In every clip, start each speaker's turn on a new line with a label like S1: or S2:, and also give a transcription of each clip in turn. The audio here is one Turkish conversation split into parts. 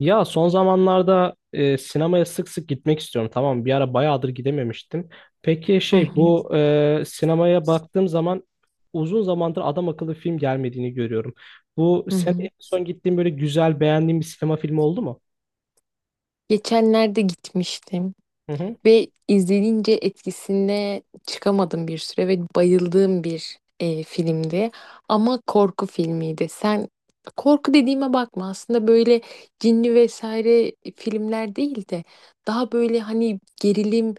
S1: Ya son zamanlarda sinemaya sık sık gitmek istiyorum. Tamam, bir ara bayağıdır gidememiştim. Peki
S2: Hı
S1: şey
S2: hı,
S1: bu sinemaya baktığım zaman uzun zamandır adam akıllı film gelmediğini görüyorum. Bu
S2: hı
S1: sen en
S2: hı.
S1: son gittiğin böyle güzel beğendiğin bir sinema filmi oldu mu?
S2: Geçenlerde gitmiştim
S1: Hı hı.
S2: ve izlenince etkisine çıkamadım bir süre ve bayıldığım bir filmdi. Ama korku filmiydi. Sen korku dediğime bakma aslında böyle cinli vesaire filmler değil de daha böyle hani gerilim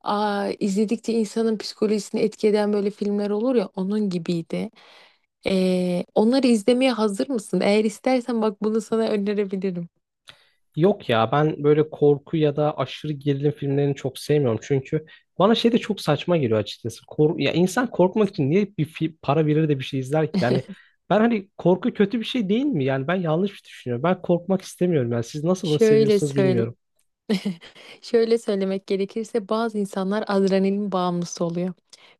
S2: izledikçe insanın psikolojisini etki eden böyle filmler olur ya onun gibiydi. Onları izlemeye hazır mısın? Eğer istersen bak bunu sana önerebilirim.
S1: Yok ya ben böyle korku ya da aşırı gerilim filmlerini çok sevmiyorum. Çünkü bana şey de çok saçma geliyor açıkçası. Ya insan korkmak için niye bir para verir de bir şey izler ki? Yani ben hani korku kötü bir şey değil mi? Yani ben yanlış bir düşünüyorum. Ben korkmak istemiyorum. Yani siz nasıl bunu
S2: Şöyle
S1: seviyorsunuz
S2: söyle,
S1: bilmiyorum.
S2: şöyle söylemek gerekirse bazı insanlar adrenalin bağımlısı oluyor.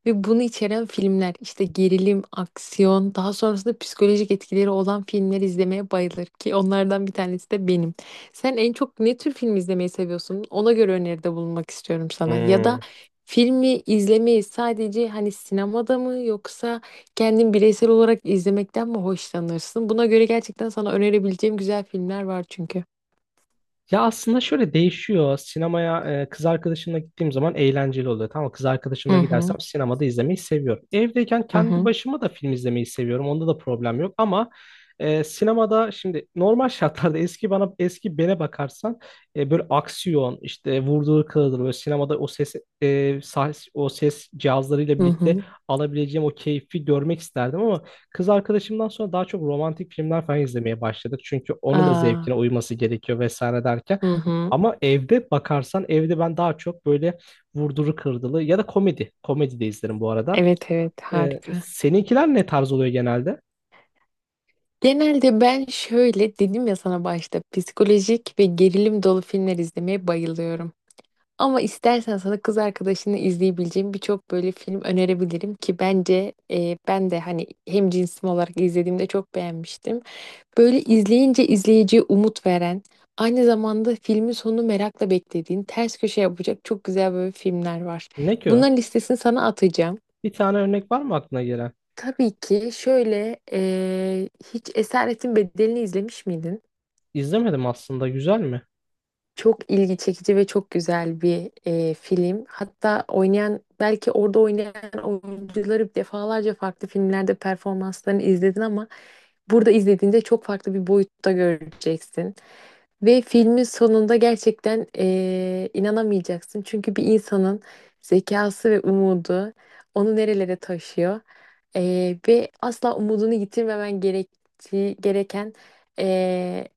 S2: Ve bunu içeren filmler işte gerilim, aksiyon, daha sonrasında psikolojik etkileri olan filmler izlemeye bayılır ki onlardan bir tanesi de benim. Sen en çok ne tür film izlemeyi seviyorsun? Ona göre öneride bulunmak istiyorum sana. Ya
S1: Hmm.
S2: da filmi izlemeyi sadece hani sinemada mı yoksa kendin bireysel olarak izlemekten mi hoşlanırsın? Buna göre gerçekten sana önerebileceğim güzel filmler var çünkü.
S1: Ya aslında şöyle değişiyor. Sinemaya kız arkadaşımla gittiğim zaman eğlenceli oluyor. Tamam mı? Kız
S2: Hı
S1: arkadaşımla
S2: hı,
S1: gidersem sinemada izlemeyi seviyorum. Evdeyken
S2: hı
S1: kendi
S2: hı.
S1: başıma da film izlemeyi seviyorum. Onda da problem yok ama sinemada şimdi normal şartlarda eski bene bakarsan böyle aksiyon işte vurduğu kırılır böyle sinemada e, o ses cihazlarıyla
S2: Hı
S1: birlikte
S2: hı.
S1: alabileceğim o keyfi görmek isterdim ama. Kız arkadaşımdan sonra daha çok romantik filmler falan izlemeye başladık. Çünkü onun da zevkine
S2: Aa,
S1: uyması gerekiyor vesaire derken.
S2: hı hı.
S1: Ama evde bakarsan evde ben daha çok böyle vurduru kırdılı ya da komedi. Komedi de izlerim bu arada.
S2: Evet, evet, harika.
S1: Seninkiler ne tarz oluyor genelde?
S2: Genelde ben şöyle dedim ya sana başta psikolojik ve gerilim dolu filmler izlemeye bayılıyorum. Ama istersen sana kız arkadaşını izleyebileceğim birçok böyle film önerebilirim ki bence ben de hani hem cinsim olarak izlediğimde çok beğenmiştim. Böyle izleyince izleyiciye umut veren, aynı zamanda filmin sonunu merakla beklediğin, ters köşe yapacak çok güzel böyle filmler var.
S1: Ne ki
S2: Bunların
S1: o?
S2: listesini sana atacağım.
S1: Bir tane örnek var mı aklına gelen?
S2: Tabii ki şöyle hiç Esaretin Bedeli'ni izlemiş miydin?
S1: İzlemedim aslında. Güzel mi?
S2: Çok ilgi çekici ve çok güzel bir film. Hatta oynayan belki orada oynayan oyuncuları defalarca farklı filmlerde performanslarını izledin ama burada izlediğinde çok farklı bir boyutta göreceksin. Ve filmin sonunda gerçekten inanamayacaksın. Çünkü bir insanın zekası ve umudu onu nerelere taşıyor. Ve asla umudunu yitirmemen gerektiği, gereken eee,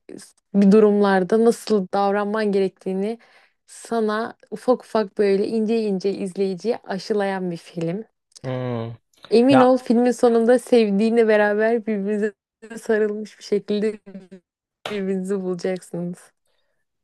S2: bir durumlarda nasıl davranman gerektiğini sana ufak ufak böyle ince ince izleyiciye aşılayan bir film.
S1: Hmm.
S2: Emin
S1: Ya
S2: ol filmin sonunda sevdiğinle beraber birbirinize sarılmış bir şekilde birbirinizi bulacaksınız.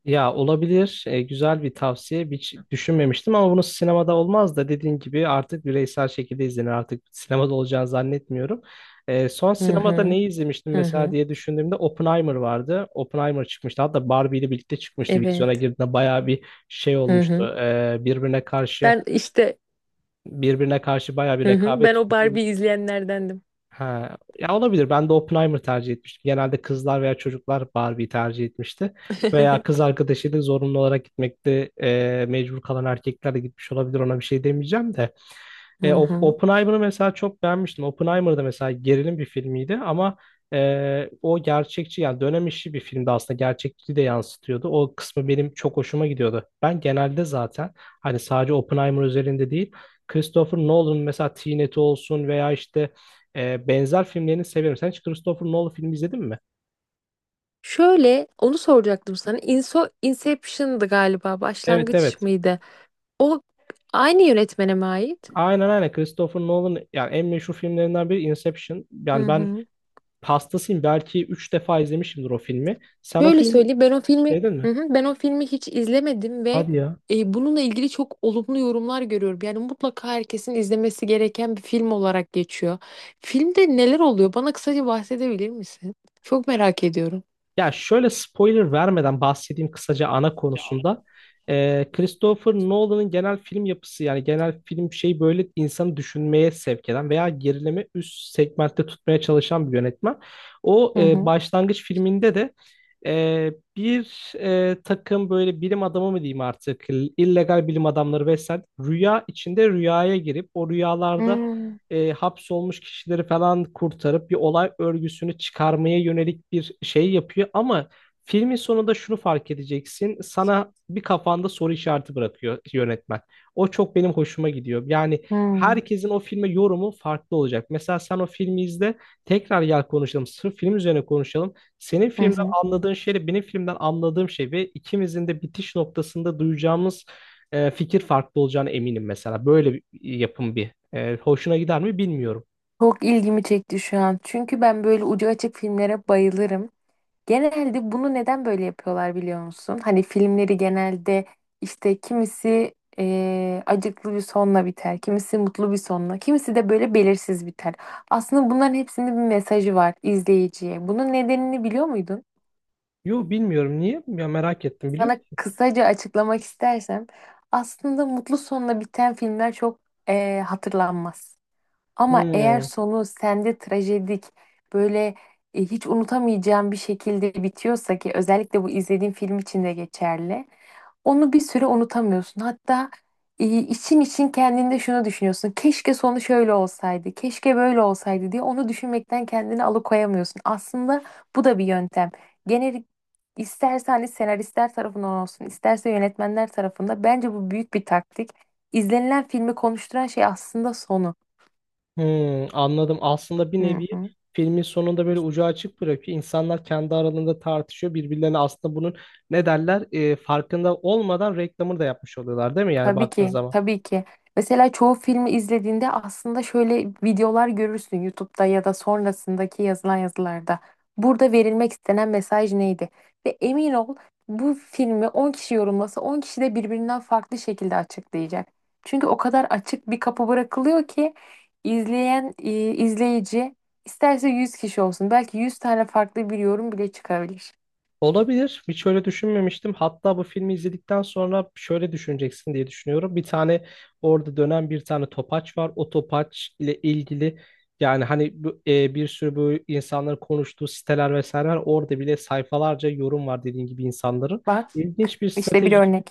S1: Ya olabilir. Güzel bir tavsiye. Hiç düşünmemiştim ama bunu sinemada olmaz da dediğin gibi artık bireysel şekilde izlenir. Artık sinemada olacağını zannetmiyorum. Son
S2: Hı
S1: sinemada
S2: hı.
S1: neyi izlemiştim
S2: Hı
S1: mesela
S2: hı.
S1: diye düşündüğümde Oppenheimer vardı. Oppenheimer çıkmıştı. Hatta Barbie ile birlikte çıkmıştı. Vizyona
S2: Evet.
S1: girdiğinde bayağı bir şey
S2: Hı hı.
S1: olmuştu. Birbirine karşı
S2: Ben işte
S1: birbirine karşı bayağı bir
S2: hı hı.
S1: rekabet
S2: Ben o
S1: tutmuş.
S2: Barbie izleyenlerdendim.
S1: Ha, ya olabilir. Ben de Oppenheimer tercih etmiştim. Genelde kızlar veya çocuklar Barbie'yi tercih etmişti. Veya kız arkadaşıyla zorunlu olarak gitmekte mecbur kalan erkekler de gitmiş olabilir. Ona bir şey demeyeceğim de.
S2: Hı hı.
S1: Oppenheimer'ı mesela çok beğenmiştim. Oppenheimer da mesela gerilim bir filmiydi ama o gerçekçi yani dönem işi bir filmdi aslında gerçekçiliği de yansıtıyordu. O kısmı benim çok hoşuma gidiyordu. Ben genelde zaten hani sadece Oppenheimer üzerinde değil Christopher Nolan'ın mesela Tenet'i olsun veya işte benzer filmlerini severim. Sen hiç Christopher Nolan filmi izledin mi?
S2: Şöyle onu soracaktım sana. Inception'dı galiba.
S1: Evet,
S2: Başlangıç
S1: evet.
S2: mıydı? O aynı yönetmene mi ait?
S1: Aynen, aynen, Christopher Nolan yani en meşhur filmlerinden biri Inception.
S2: Hı
S1: Yani ben
S2: hı.
S1: hastasıyım belki 3 defa izlemişimdir o filmi. Sen o
S2: Şöyle
S1: filmi
S2: söyleyeyim, ben o filmi
S1: sevdin mi?
S2: hı hı, ben o filmi hiç izlemedim ve
S1: Hadi ya.
S2: bununla ilgili çok olumlu yorumlar görüyorum. Yani mutlaka herkesin izlemesi gereken bir film olarak geçiyor. Filmde neler oluyor? Bana kısaca bahsedebilir misin? Çok merak ediyorum.
S1: Ya şöyle spoiler vermeden bahsedeyim kısaca ana konusunda. Christopher Nolan'ın genel film yapısı yani genel film şey böyle insanı düşünmeye sevk eden veya gerileme üst segmentte tutmaya çalışan bir yönetmen. O
S2: Hı hı.
S1: başlangıç filminde de e, bir takım böyle bilim adamı mı diyeyim artık illegal bilim adamları vesaire rüya içinde rüyaya girip o rüyalarda
S2: Hmm,
S1: hapsolmuş kişileri falan kurtarıp bir olay örgüsünü çıkarmaya yönelik bir şey yapıyor. Ama filmin sonunda şunu fark edeceksin. Sana bir kafanda soru işareti bırakıyor yönetmen. O çok benim hoşuma gidiyor. Yani
S2: hmm,
S1: herkesin o filme yorumu farklı olacak. Mesela sen o filmi izle, tekrar gel konuşalım. Sırf film üzerine konuşalım. Senin
S2: hı
S1: filmden
S2: hı.
S1: anladığın şeyle benim filmden anladığım şey ve ikimizin de bitiş noktasında duyacağımız fikir farklı olacağına eminim mesela. Böyle bir yapım bir hoşuna gider mi bilmiyorum.
S2: Çok ilgimi çekti şu an. Çünkü ben böyle ucu açık filmlere bayılırım. Genelde bunu neden böyle yapıyorlar biliyor musun? Hani filmleri genelde işte kimisi acıklı bir sonla biter, kimisi mutlu bir sonla, kimisi de böyle belirsiz biter. Aslında bunların hepsinin bir mesajı var izleyiciye. Bunun nedenini biliyor muydun?
S1: Yo bilmiyorum niye? Ya merak ettim biliyor
S2: Sana
S1: musun?
S2: kısaca açıklamak istersem aslında mutlu sonla biten filmler çok hatırlanmaz. Ama eğer
S1: Hmm,
S2: sonu sende trajedik böyle hiç unutamayacağım bir şekilde bitiyorsa ki özellikle bu izlediğin film için de geçerli. Onu bir süre unutamıyorsun. Hatta için için kendinde şunu düşünüyorsun. Keşke sonu şöyle olsaydı, keşke böyle olsaydı diye onu düşünmekten kendini alıkoyamıyorsun. Aslında bu da bir yöntem. Genel isterse hani senaristler tarafından olsun, isterse yönetmenler tarafında bence bu büyük bir taktik. İzlenilen filmi konuşturan şey aslında sonu.
S1: hmm, anladım. Aslında bir
S2: Hı
S1: nevi
S2: hı.
S1: filmin sonunda böyle ucu açık bırakıyor. İnsanlar kendi aralarında tartışıyor. Birbirlerine aslında bunun ne derler farkında olmadan reklamını da yapmış oluyorlar değil mi? Yani
S2: Tabii
S1: baktığın
S2: ki,
S1: zaman.
S2: tabii ki. Mesela çoğu filmi izlediğinde aslında şöyle videolar görürsün YouTube'da ya da sonrasındaki yazılan yazılarda. Burada verilmek istenen mesaj neydi? Ve emin ol bu filmi 10 kişi yorumlasa 10 kişi de birbirinden farklı şekilde açıklayacak. Çünkü o kadar açık bir kapı bırakılıyor ki izleyen izleyici isterse 100 kişi olsun belki 100 tane farklı bir yorum bile çıkabilir.
S1: Olabilir. Hiç öyle düşünmemiştim. Hatta bu filmi izledikten sonra şöyle düşüneceksin diye düşünüyorum. Bir tane orada dönen bir tane topaç var. O topaç ile ilgili yani hani bir sürü bu insanların konuştuğu siteler vesaire var. Orada bile sayfalarca yorum var dediğin gibi insanların.
S2: Bak
S1: İlginç bir
S2: işte bir
S1: strateji
S2: örnek.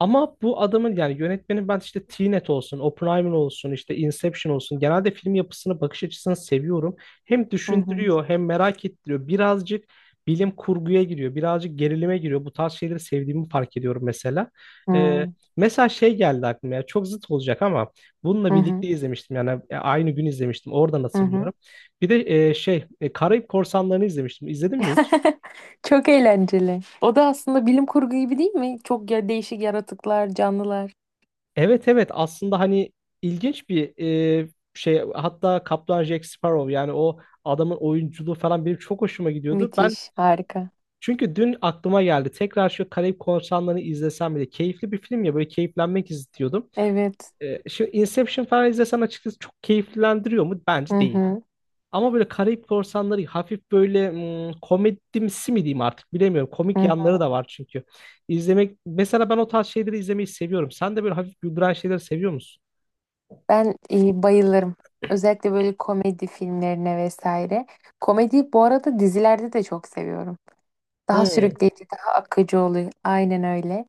S1: ama bu adamın yani yönetmenin ben işte Tenet olsun, Oppenheimer olsun, işte Inception olsun genelde film yapısını, bakış açısını seviyorum. Hem
S2: Hı hı.
S1: düşündürüyor hem merak ettiriyor. Birazcık bilim kurguya giriyor, birazcık gerilime giriyor. Bu tarz şeyleri sevdiğimi fark ediyorum mesela.
S2: Hı
S1: Ee,
S2: hı.
S1: Mesela şey geldi aklıma ya çok zıt olacak ama bununla
S2: Hı
S1: birlikte
S2: hı.
S1: izlemiştim yani aynı gün izlemiştim oradan
S2: Hı hı.
S1: hatırlıyorum. Bir de Karayip Korsanları'nı izlemiştim. İzledin mi hiç?
S2: Çok eğlenceli. O da aslında bilim kurgu gibi değil mi? Çok ya değişik yaratıklar, canlılar.
S1: Evet, evet, aslında hani ilginç bir e, şey hatta Kaptan Jack Sparrow yani o adamın oyunculuğu falan benim çok hoşuma gidiyordu. Ben
S2: Müthiş, harika.
S1: çünkü dün aklıma geldi tekrar şu Karayip Korsanları'nı izlesem bile keyifli bir film ya böyle keyiflenmek istiyordum.
S2: Evet.
S1: Şimdi Inception falan izlesem açıkçası çok keyiflendiriyor mu? Bence
S2: Hı
S1: değil.
S2: hı,
S1: Ama böyle Karayip Korsanları hafif böyle komedimsi mi diyeyim artık bilemiyorum. Komik
S2: hı
S1: yanları
S2: hı.
S1: da var çünkü. İzlemek mesela ben o tarz şeyleri izlemeyi seviyorum. Sen de böyle hafif güldüren şeyleri seviyor musun?
S2: Ben bayılırım. Özellikle böyle komedi filmlerine vesaire. Komedi bu arada dizilerde de çok seviyorum. Daha
S1: Hmm,
S2: sürükleyici, daha akıcı oluyor. Aynen öyle.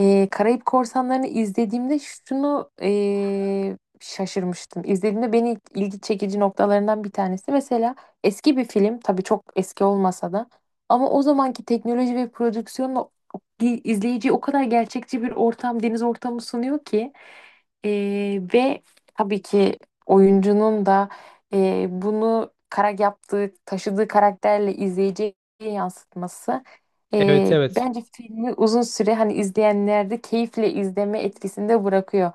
S2: Karayip Korsanları'nı izlediğimde şunu şaşırmıştım. İzlediğimde beni ilgi çekici noktalarından bir tanesi. Mesela eski bir film, tabii çok eski olmasa da ama o zamanki teknoloji ve prodüksiyonla izleyiciye o kadar gerçekçi bir ortam, deniz ortamı sunuyor ki ve tabii ki oyuncunun da bunu kara yaptığı, taşıdığı karakterle izleyiciye yansıtması.
S1: evet, evet,
S2: Bence filmi uzun süre hani izleyenlerde keyifle izleme etkisinde bırakıyor.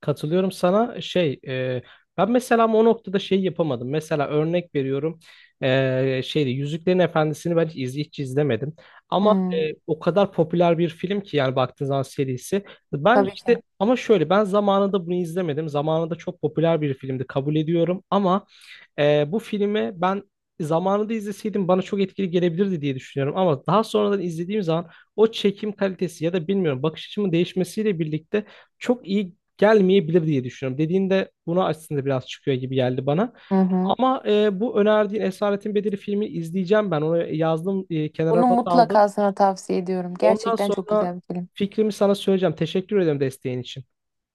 S1: katılıyorum sana ben mesela ama o noktada şey yapamadım mesela örnek veriyorum şeyde Yüzüklerin Efendisi'ni ben hiç izlemedim ama
S2: Hmm,
S1: o kadar popüler bir film ki yani baktığın zaman serisi ben
S2: tabii
S1: işte
S2: ki.
S1: ama şöyle ben zamanında bunu izlemedim zamanında çok popüler bir filmdi kabul ediyorum ama. Bu filmi ben zamanında izleseydim bana çok etkili gelebilirdi diye düşünüyorum. Ama daha sonradan izlediğim zaman o çekim kalitesi ya da bilmiyorum bakış açımın değişmesiyle birlikte çok iyi gelmeyebilir diye düşünüyorum. Dediğinde buna aslında biraz çıkıyor gibi geldi bana.
S2: Hı hı.
S1: Ama bu önerdiğin Esaretin Bedeli filmi izleyeceğim ben. Onu yazdım, kenara
S2: Bunu
S1: not aldım.
S2: mutlaka sana tavsiye ediyorum.
S1: Ondan
S2: Gerçekten çok
S1: sonra
S2: güzel bir film.
S1: fikrimi sana söyleyeceğim. Teşekkür ederim desteğin için.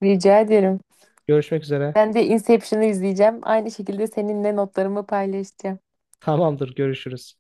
S2: Rica ederim.
S1: Görüşmek üzere.
S2: Ben de Inception'ı izleyeceğim. Aynı şekilde seninle notlarımı paylaşacağım.
S1: Tamamdır, görüşürüz.